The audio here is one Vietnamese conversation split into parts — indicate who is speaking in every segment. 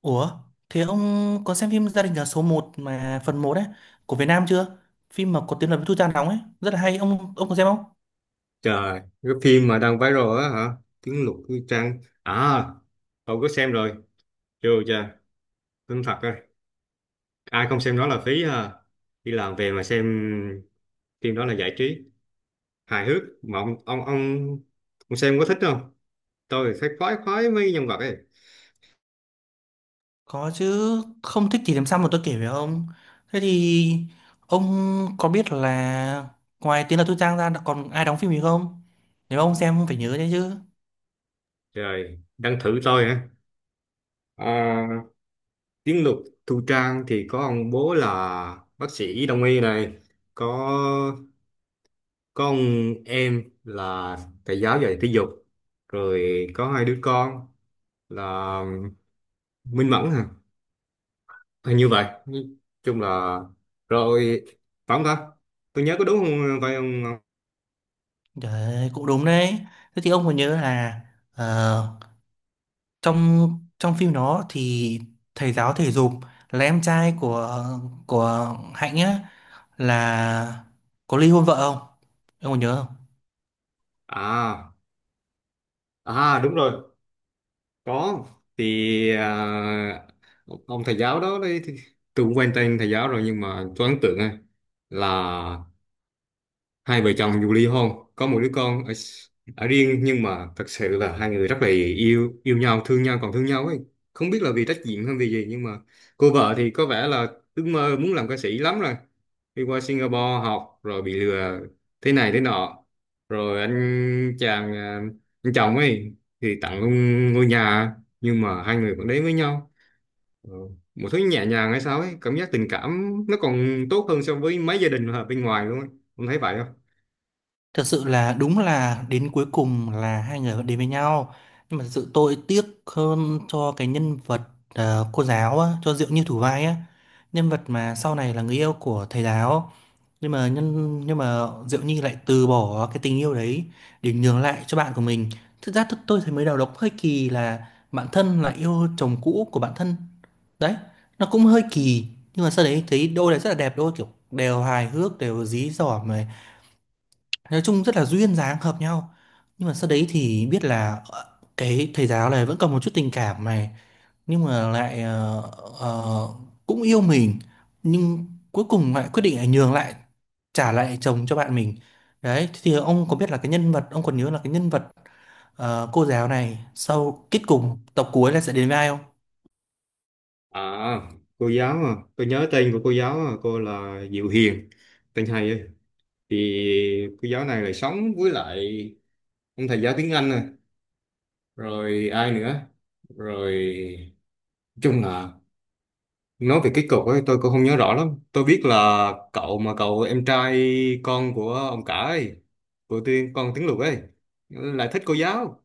Speaker 1: Ủa, thế ông có xem phim Gia đình nhà số một mà phần một ấy của Việt Nam chưa? Phim mà có tiếng là với Thu Trang đóng ấy, rất là hay. Ông có xem không?
Speaker 2: Trời, cái phim mà đang viral á hả? Tiếng lục như trăng. Cậu có xem rồi. Chưa chưa? Tin thật rồi. Ai không xem đó là phí ha. Đi làm về mà xem phim đó là giải trí. Hài hước. Mà ông xem có thích không? Tôi thấy khoái khoái mấy nhân vật ấy.
Speaker 1: Có chứ, không thích thì làm sao mà tôi kể với ông. Thế thì ông có biết là ngoài tiếng là Thu Trang ra còn ai đóng phim gì không? Nếu ông xem ông phải nhớ đấy chứ.
Speaker 2: Trời, đang thử tôi hả? À, tiếng lục Thu Trang thì có ông bố là bác sĩ đông y này. Có con em là thầy giáo dạy thể dục, rồi có hai đứa con là Minh Mẫn hả? Hình như vậy. Nói chung là rồi, phải không ta? Tôi nhớ có đúng không, phải không?
Speaker 1: Trời ơi, cũng đúng đấy. Thế thì ông còn nhớ là, ờ, trong trong phim đó thì thầy giáo thể dục là em trai của Hạnh á, là có ly hôn vợ không, em còn nhớ không?
Speaker 2: À à, đúng rồi. Có thì ông thầy giáo đó đấy thì tôi cũng quen tên thầy giáo rồi, nhưng mà tôi ấn tượng thôi là hai vợ chồng dù ly hôn có một đứa con ở riêng, nhưng mà thật sự là hai người rất là yêu yêu nhau, thương nhau, còn thương nhau ấy. Không biết là vì trách nhiệm hay vì gì, nhưng mà cô vợ thì có vẻ là ước mơ muốn làm ca sĩ lắm rồi, đi qua Singapore học rồi bị lừa thế này thế nọ, rồi anh chàng anh chồng ấy thì tặng luôn ngôi nhà, nhưng mà hai người vẫn đến với nhau. Ờ, một thứ nhẹ nhàng hay sao ấy, cảm giác tình cảm nó còn tốt hơn so với mấy gia đình ở bên ngoài luôn ấy. Không thấy vậy không?
Speaker 1: Thật sự là đúng, là đến cuối cùng là hai người vẫn đến với nhau, nhưng mà thật sự tôi tiếc hơn cho cái nhân vật, cô giáo á, cho Diệu Như thủ vai á. Nhân vật mà sau này là người yêu của thầy giáo, nhưng mà Diệu Nhi lại từ bỏ cái tình yêu đấy, để nhường lại cho bạn của mình. Thực ra tôi thấy mới đầu nó cũng hơi kỳ, là bạn thân lại yêu chồng cũ của bạn thân đấy, nó cũng hơi kỳ. Nhưng mà sau đấy thấy đôi này rất là đẹp đôi, kiểu đều hài hước đều dí dỏm này, nói chung rất là duyên dáng hợp nhau. Nhưng mà sau đấy thì biết là, cái thầy giáo này vẫn còn một chút tình cảm này, nhưng mà lại ờ, cũng yêu mình, nhưng cuối cùng lại quyết định là nhường lại, trả lại chồng cho bạn mình. Đấy, thế thì ông có biết là cái nhân vật, ông còn nhớ là cái nhân vật, cô giáo này sau kết cục tập cuối là sẽ đến với ai không?
Speaker 2: À, cô giáo tôi nhớ tên của cô giáo, cô là Diệu Hiền, tên hay ấy. Thì cô giáo này lại sống với lại ông thầy giáo tiếng Anh này, rồi ai nữa, rồi nói chung là, nói về cái cục ấy tôi cũng không nhớ rõ lắm. Tôi biết là cậu em trai con của ông cả ấy, của tiên con tiếng Lục ấy, lại thích cô giáo.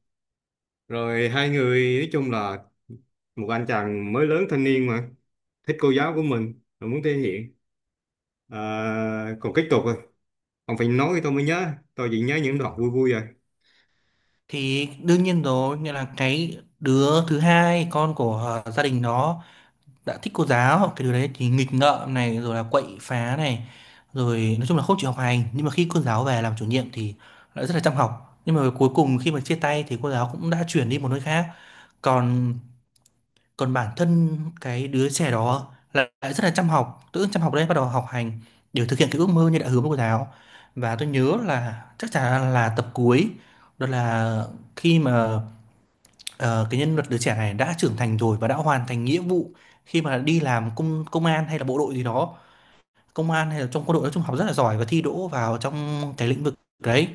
Speaker 2: Rồi hai người nói chung là một anh chàng mới lớn thanh niên mà thích cô giáo của mình, rồi muốn thể hiện. À, còn kết cục rồi, ông phải nói tôi mới nhớ, tôi chỉ nhớ những đoạn vui vui rồi.
Speaker 1: Thì đương nhiên rồi, nghĩa là cái đứa thứ hai con của, gia đình đó đã thích cô giáo, hoặc cái điều đấy thì nghịch ngợm này rồi là quậy phá này, rồi nói chung là không chịu học hành. Nhưng mà khi cô giáo về làm chủ nhiệm thì lại rất là chăm học. Nhưng mà cuối cùng khi mà chia tay thì cô giáo cũng đã chuyển đi một nơi khác, còn còn bản thân cái đứa trẻ đó lại lại rất là chăm học, tự dưng chăm học đấy, bắt đầu học hành để thực hiện cái ước mơ như đã hứa với cô giáo. Và tôi nhớ là chắc chắn là tập cuối đó là khi mà, Ờ, cái nhân vật đứa trẻ này đã trưởng thành rồi và đã hoàn thành nghĩa vụ, khi mà đi làm công công an hay là bộ đội gì đó, công an hay là trong quân đội, nói chung học rất là giỏi và thi đỗ vào trong cái lĩnh vực đấy.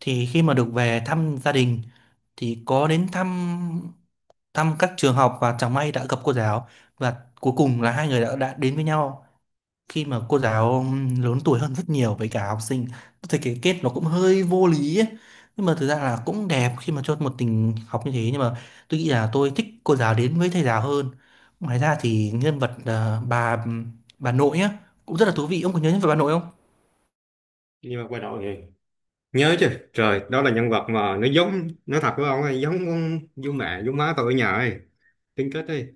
Speaker 1: Thì khi mà được về thăm gia đình thì có đến thăm thăm các trường học và chẳng may đã gặp cô giáo. Và cuối cùng là hai người đã đến với nhau, khi mà cô giáo lớn tuổi hơn rất nhiều với cả học sinh. Tôi thấy cái kết nó cũng hơi vô lý ấy. Nhưng mà thực ra là cũng đẹp khi mà cho một tình học như thế, nhưng mà tôi nghĩ là tôi thích cô giáo đến với thầy giáo hơn. Ngoài ra thì nhân vật, bà nội á, cũng rất là thú vị. Ông có nhớ nhân vật bà nội không?
Speaker 2: Nhưng mà quay đầu vậy, nhớ chứ trời, đó là nhân vật mà nó giống, nó thật với ông ấy, giống con giống mẹ giống má tôi ở nhà ấy, tính kết ấy,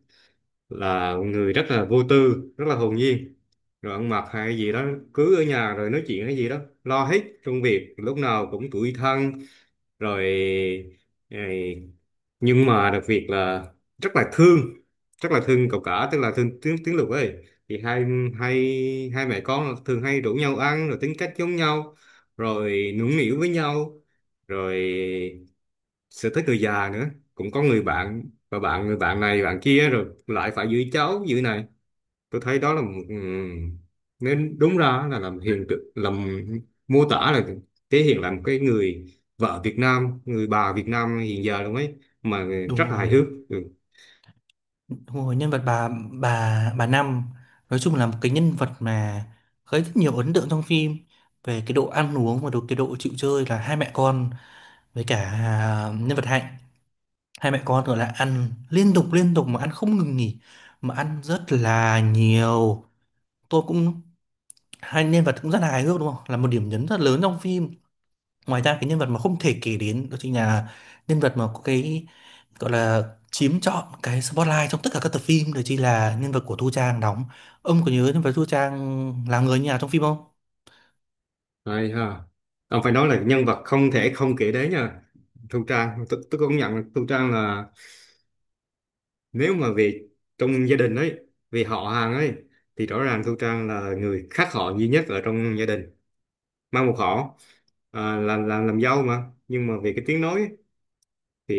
Speaker 2: là người rất là vô tư, rất là hồn nhiên, rồi ăn mặc hay gì đó cứ ở nhà rồi nói chuyện hay gì đó, lo hết công việc lúc nào cũng tủi thân rồi. ờ, nhưng mà đặc biệt là rất là thương, rất là thương cậu cả, tức là thương tiếng tiếng Lục ấy. Thì hai hai hai mẹ con thường hay rủ nhau ăn, rồi tính cách giống nhau, rồi nũng nịu với nhau, rồi sẽ tới người già nữa, cũng có người bạn, và người bạn này bạn kia rồi lại phải giữ cháu giữ này. Tôi thấy đó là một nên đúng ra là làm hiện tượng, làm mô tả là, thể hiện là một cái người vợ Việt Nam, người bà Việt Nam hiện giờ luôn ấy mà,
Speaker 1: Đúng
Speaker 2: rất là hài
Speaker 1: rồi,
Speaker 2: hước. Ừ.
Speaker 1: đúng rồi, nhân vật bà Năm, nói chung là một cái nhân vật mà gây rất nhiều ấn tượng trong phim, về cái độ ăn uống và độ chịu chơi là hai mẹ con, với cả, nhân vật Hạnh. Hai mẹ con gọi là ăn liên tục mà ăn không ngừng nghỉ, mà ăn rất là nhiều. Tôi cũng Hai nhân vật cũng rất là hài hước đúng không, là một điểm nhấn rất lớn trong phim. Ngoài ra cái nhân vật mà không thể kể đến, đó chính là nhân vật mà có cái gọi là chiếm trọn cái spotlight trong tất cả các tập phim, đó chính là nhân vật của Thu Trang đóng. Ông có nhớ nhân vật Thu Trang là người như nào trong phim không?
Speaker 2: Hay ha, ông phải nói là nhân vật không thể không kể đến nha. Thu Trang tôi công nhận là Thu Trang là, nếu mà về trong gia đình ấy, về họ hàng ấy, thì rõ ràng Thu Trang là người khác họ duy nhất ở trong gia đình, mang một họ, làm dâu mà, nhưng mà về cái tiếng nói ấy, thì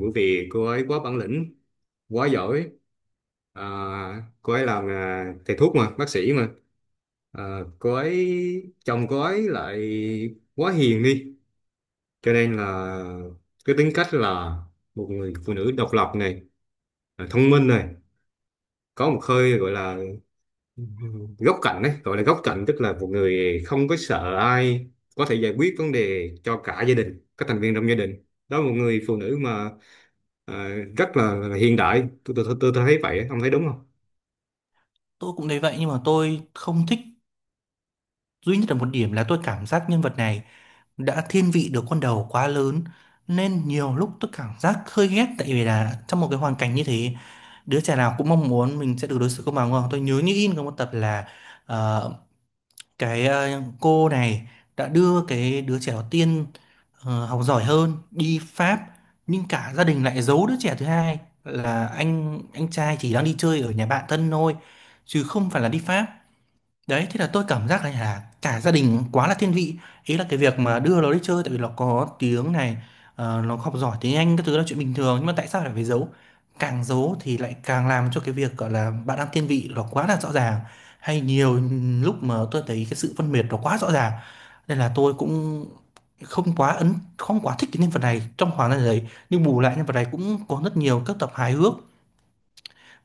Speaker 2: bởi vì cô ấy quá bản lĩnh, quá giỏi. à, cô ấy làm thầy thuốc mà, bác sĩ mà. Cô ấy chồng cô ấy lại quá hiền đi, cho nên là cái tính cách là một người phụ nữ độc lập này, thông minh này, có một hơi gọi là góc cạnh đấy, gọi là góc cạnh, tức là một người không có sợ ai, có thể giải quyết vấn đề cho cả gia đình, các thành viên trong gia đình. Đó là một người phụ nữ mà ờ, rất là hiện đại, tôi thấy vậy á. Ông thấy đúng không?
Speaker 1: Tôi cũng thấy vậy, nhưng mà tôi không thích duy nhất là một điểm, là tôi cảm giác nhân vật này đã thiên vị được con đầu quá lớn, nên nhiều lúc tôi cảm giác hơi ghét. Tại vì là trong một cái hoàn cảnh như thế, đứa trẻ nào cũng mong muốn mình sẽ được đối xử công bằng đúng không? Tôi nhớ như in có một tập là, ờ, cái, cô này đã đưa cái đứa trẻ đầu tiên, học giỏi hơn, đi Pháp, nhưng cả gia đình lại giấu đứa trẻ thứ hai là anh trai chỉ đang đi chơi ở nhà bạn thân thôi, chứ không phải là đi Pháp. Đấy, thế là tôi cảm giác này là cả gia đình quá là thiên vị. Ý là cái việc mà đưa nó đi chơi tại vì nó có tiếng này, nó học giỏi tiếng Anh các thứ là chuyện bình thường, nhưng mà tại sao lại phải giấu? Càng giấu thì lại càng làm cho cái việc gọi là bạn đang thiên vị nó quá là rõ ràng. Hay nhiều lúc mà tôi thấy cái sự phân biệt nó quá rõ ràng. Nên là tôi cũng không quá thích cái nhân vật này trong khoảng thời gian đấy, nhưng bù lại nhân vật này cũng có rất nhiều các tập hài hước.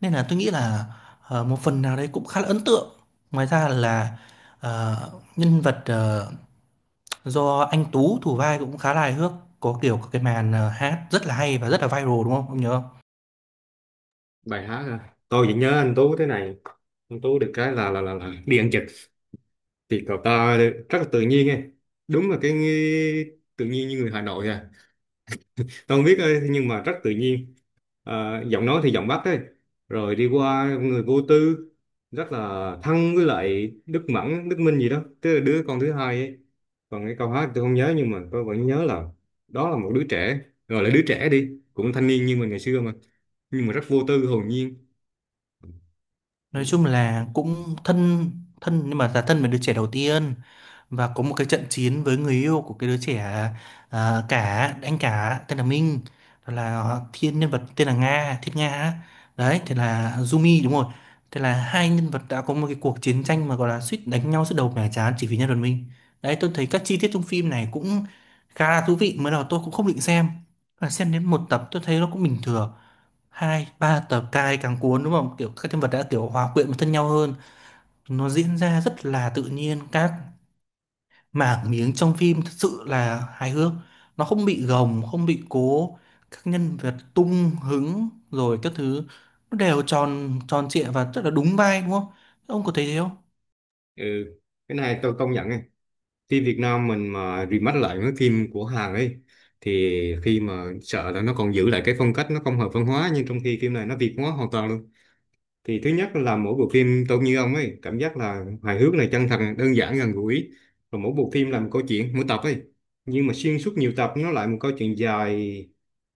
Speaker 1: Nên là tôi nghĩ là, một phần nào đấy cũng khá là ấn tượng. Ngoài ra là, ờ, nhân vật, do anh Tú thủ vai cũng khá là hài hước, có kiểu cái màn, hát rất là hay và rất là viral đúng không? Ông nhớ không?
Speaker 2: Bài hát à. Tôi vẫn nhớ anh Tú thế này, anh Tú được cái là đi ăn trực thì cậu ta rất là tự nhiên ấy. Đúng là cái tự nhiên như người Hà Nội à. Không biết ơi, nhưng mà rất tự nhiên. À, giọng nói thì giọng Bắc ấy. Rồi đi qua người vô tư, rất là thân với lại Đức Mẫn, Đức Minh gì đó. Tức là đứa con thứ hai ấy. Còn cái câu hát tôi không nhớ nhưng mà tôi vẫn nhớ là đó là một đứa trẻ. Gọi là đứa trẻ đi, cũng thanh niên như mình ngày xưa mà. Nhưng mà rất vô tư, hồn nhiên.
Speaker 1: Nói chung là cũng thân thân, nhưng mà là thân với đứa trẻ đầu tiên, và có một cái trận chiến với người yêu của cái đứa trẻ, cả anh cả tên là Minh, rồi là thiên nhân vật tên là Nga, Thiết Nga á. Đấy thì là Jumi đúng rồi. Thế là hai nhân vật đã có một cái cuộc chiến tranh mà gọi là suýt đánh nhau suốt đầu mẻ trán chỉ vì nhân vật Minh. Đấy, tôi thấy các chi tiết trong phim này cũng khá là thú vị. Mới đầu tôi cũng không định xem, và xem đến một tập tôi thấy nó cũng bình thường, hai ba tập cai càng cuốn đúng không, kiểu các nhân vật đã kiểu hòa quyện với thân nhau hơn. Nó diễn ra rất là tự nhiên, các mảng miếng trong phim thật sự là hài hước, nó không bị gồng không bị cố, các nhân vật tung hứng rồi các thứ, nó đều tròn tròn trịa và rất là đúng vai đúng không? Ông có thấy thế không?
Speaker 2: Ừ, cái này tôi công nhận, phim Việt Nam mình mà remake lại mấy phim của Hàn ấy, thì khi mà sợ là nó còn giữ lại cái phong cách nó không hợp văn hóa, nhưng trong khi phim này nó Việt hóa hoàn toàn luôn. Thì thứ nhất là mỗi bộ phim tôi như ông ấy, cảm giác là hài hước này, chân thật này, đơn giản gần gũi. Và mỗi bộ phim là một câu chuyện mỗi tập ấy, nhưng mà xuyên suốt nhiều tập nó lại một câu chuyện dài,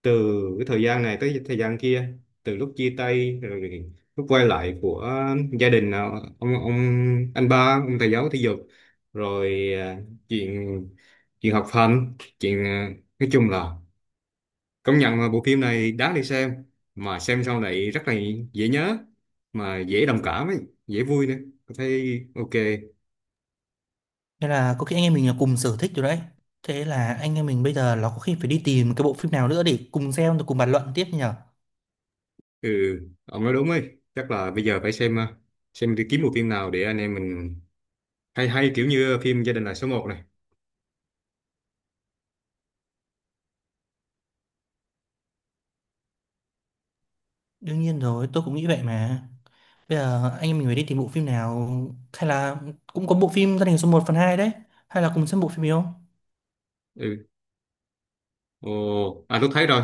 Speaker 2: từ cái thời gian này tới thời gian kia, từ lúc chia tay rồi lúc quay lại của gia đình, à, ông anh ba ông thầy giáo thể dục, rồi à, chuyện chuyện học hành, chuyện nói chung là, công nhận là bộ phim này đáng để xem. Mà xem sau này rất là dễ nhớ, mà dễ đồng cảm ấy, dễ vui nữa. Tôi thấy ok.
Speaker 1: Thế là có khi anh em mình là cùng sở thích rồi đấy. Thế là anh em mình bây giờ nó có khi phải đi tìm cái bộ phim nào nữa để cùng xem rồi cùng bàn luận tiếp nhở.
Speaker 2: Ừ, ông nói đúng ấy. Chắc là bây giờ phải xem, xem đi kiếm bộ phim nào để anh em mình, hay hay kiểu như phim Gia đình là số một này.
Speaker 1: Đương nhiên rồi, tôi cũng nghĩ vậy mà. Bây giờ anh em mình phải đi tìm bộ phim nào, hay là cũng có bộ phim gia đình số một phần hai đấy, hay là cùng xem bộ phim gì không?
Speaker 2: Ừ. Ồ, à tôi thấy rồi.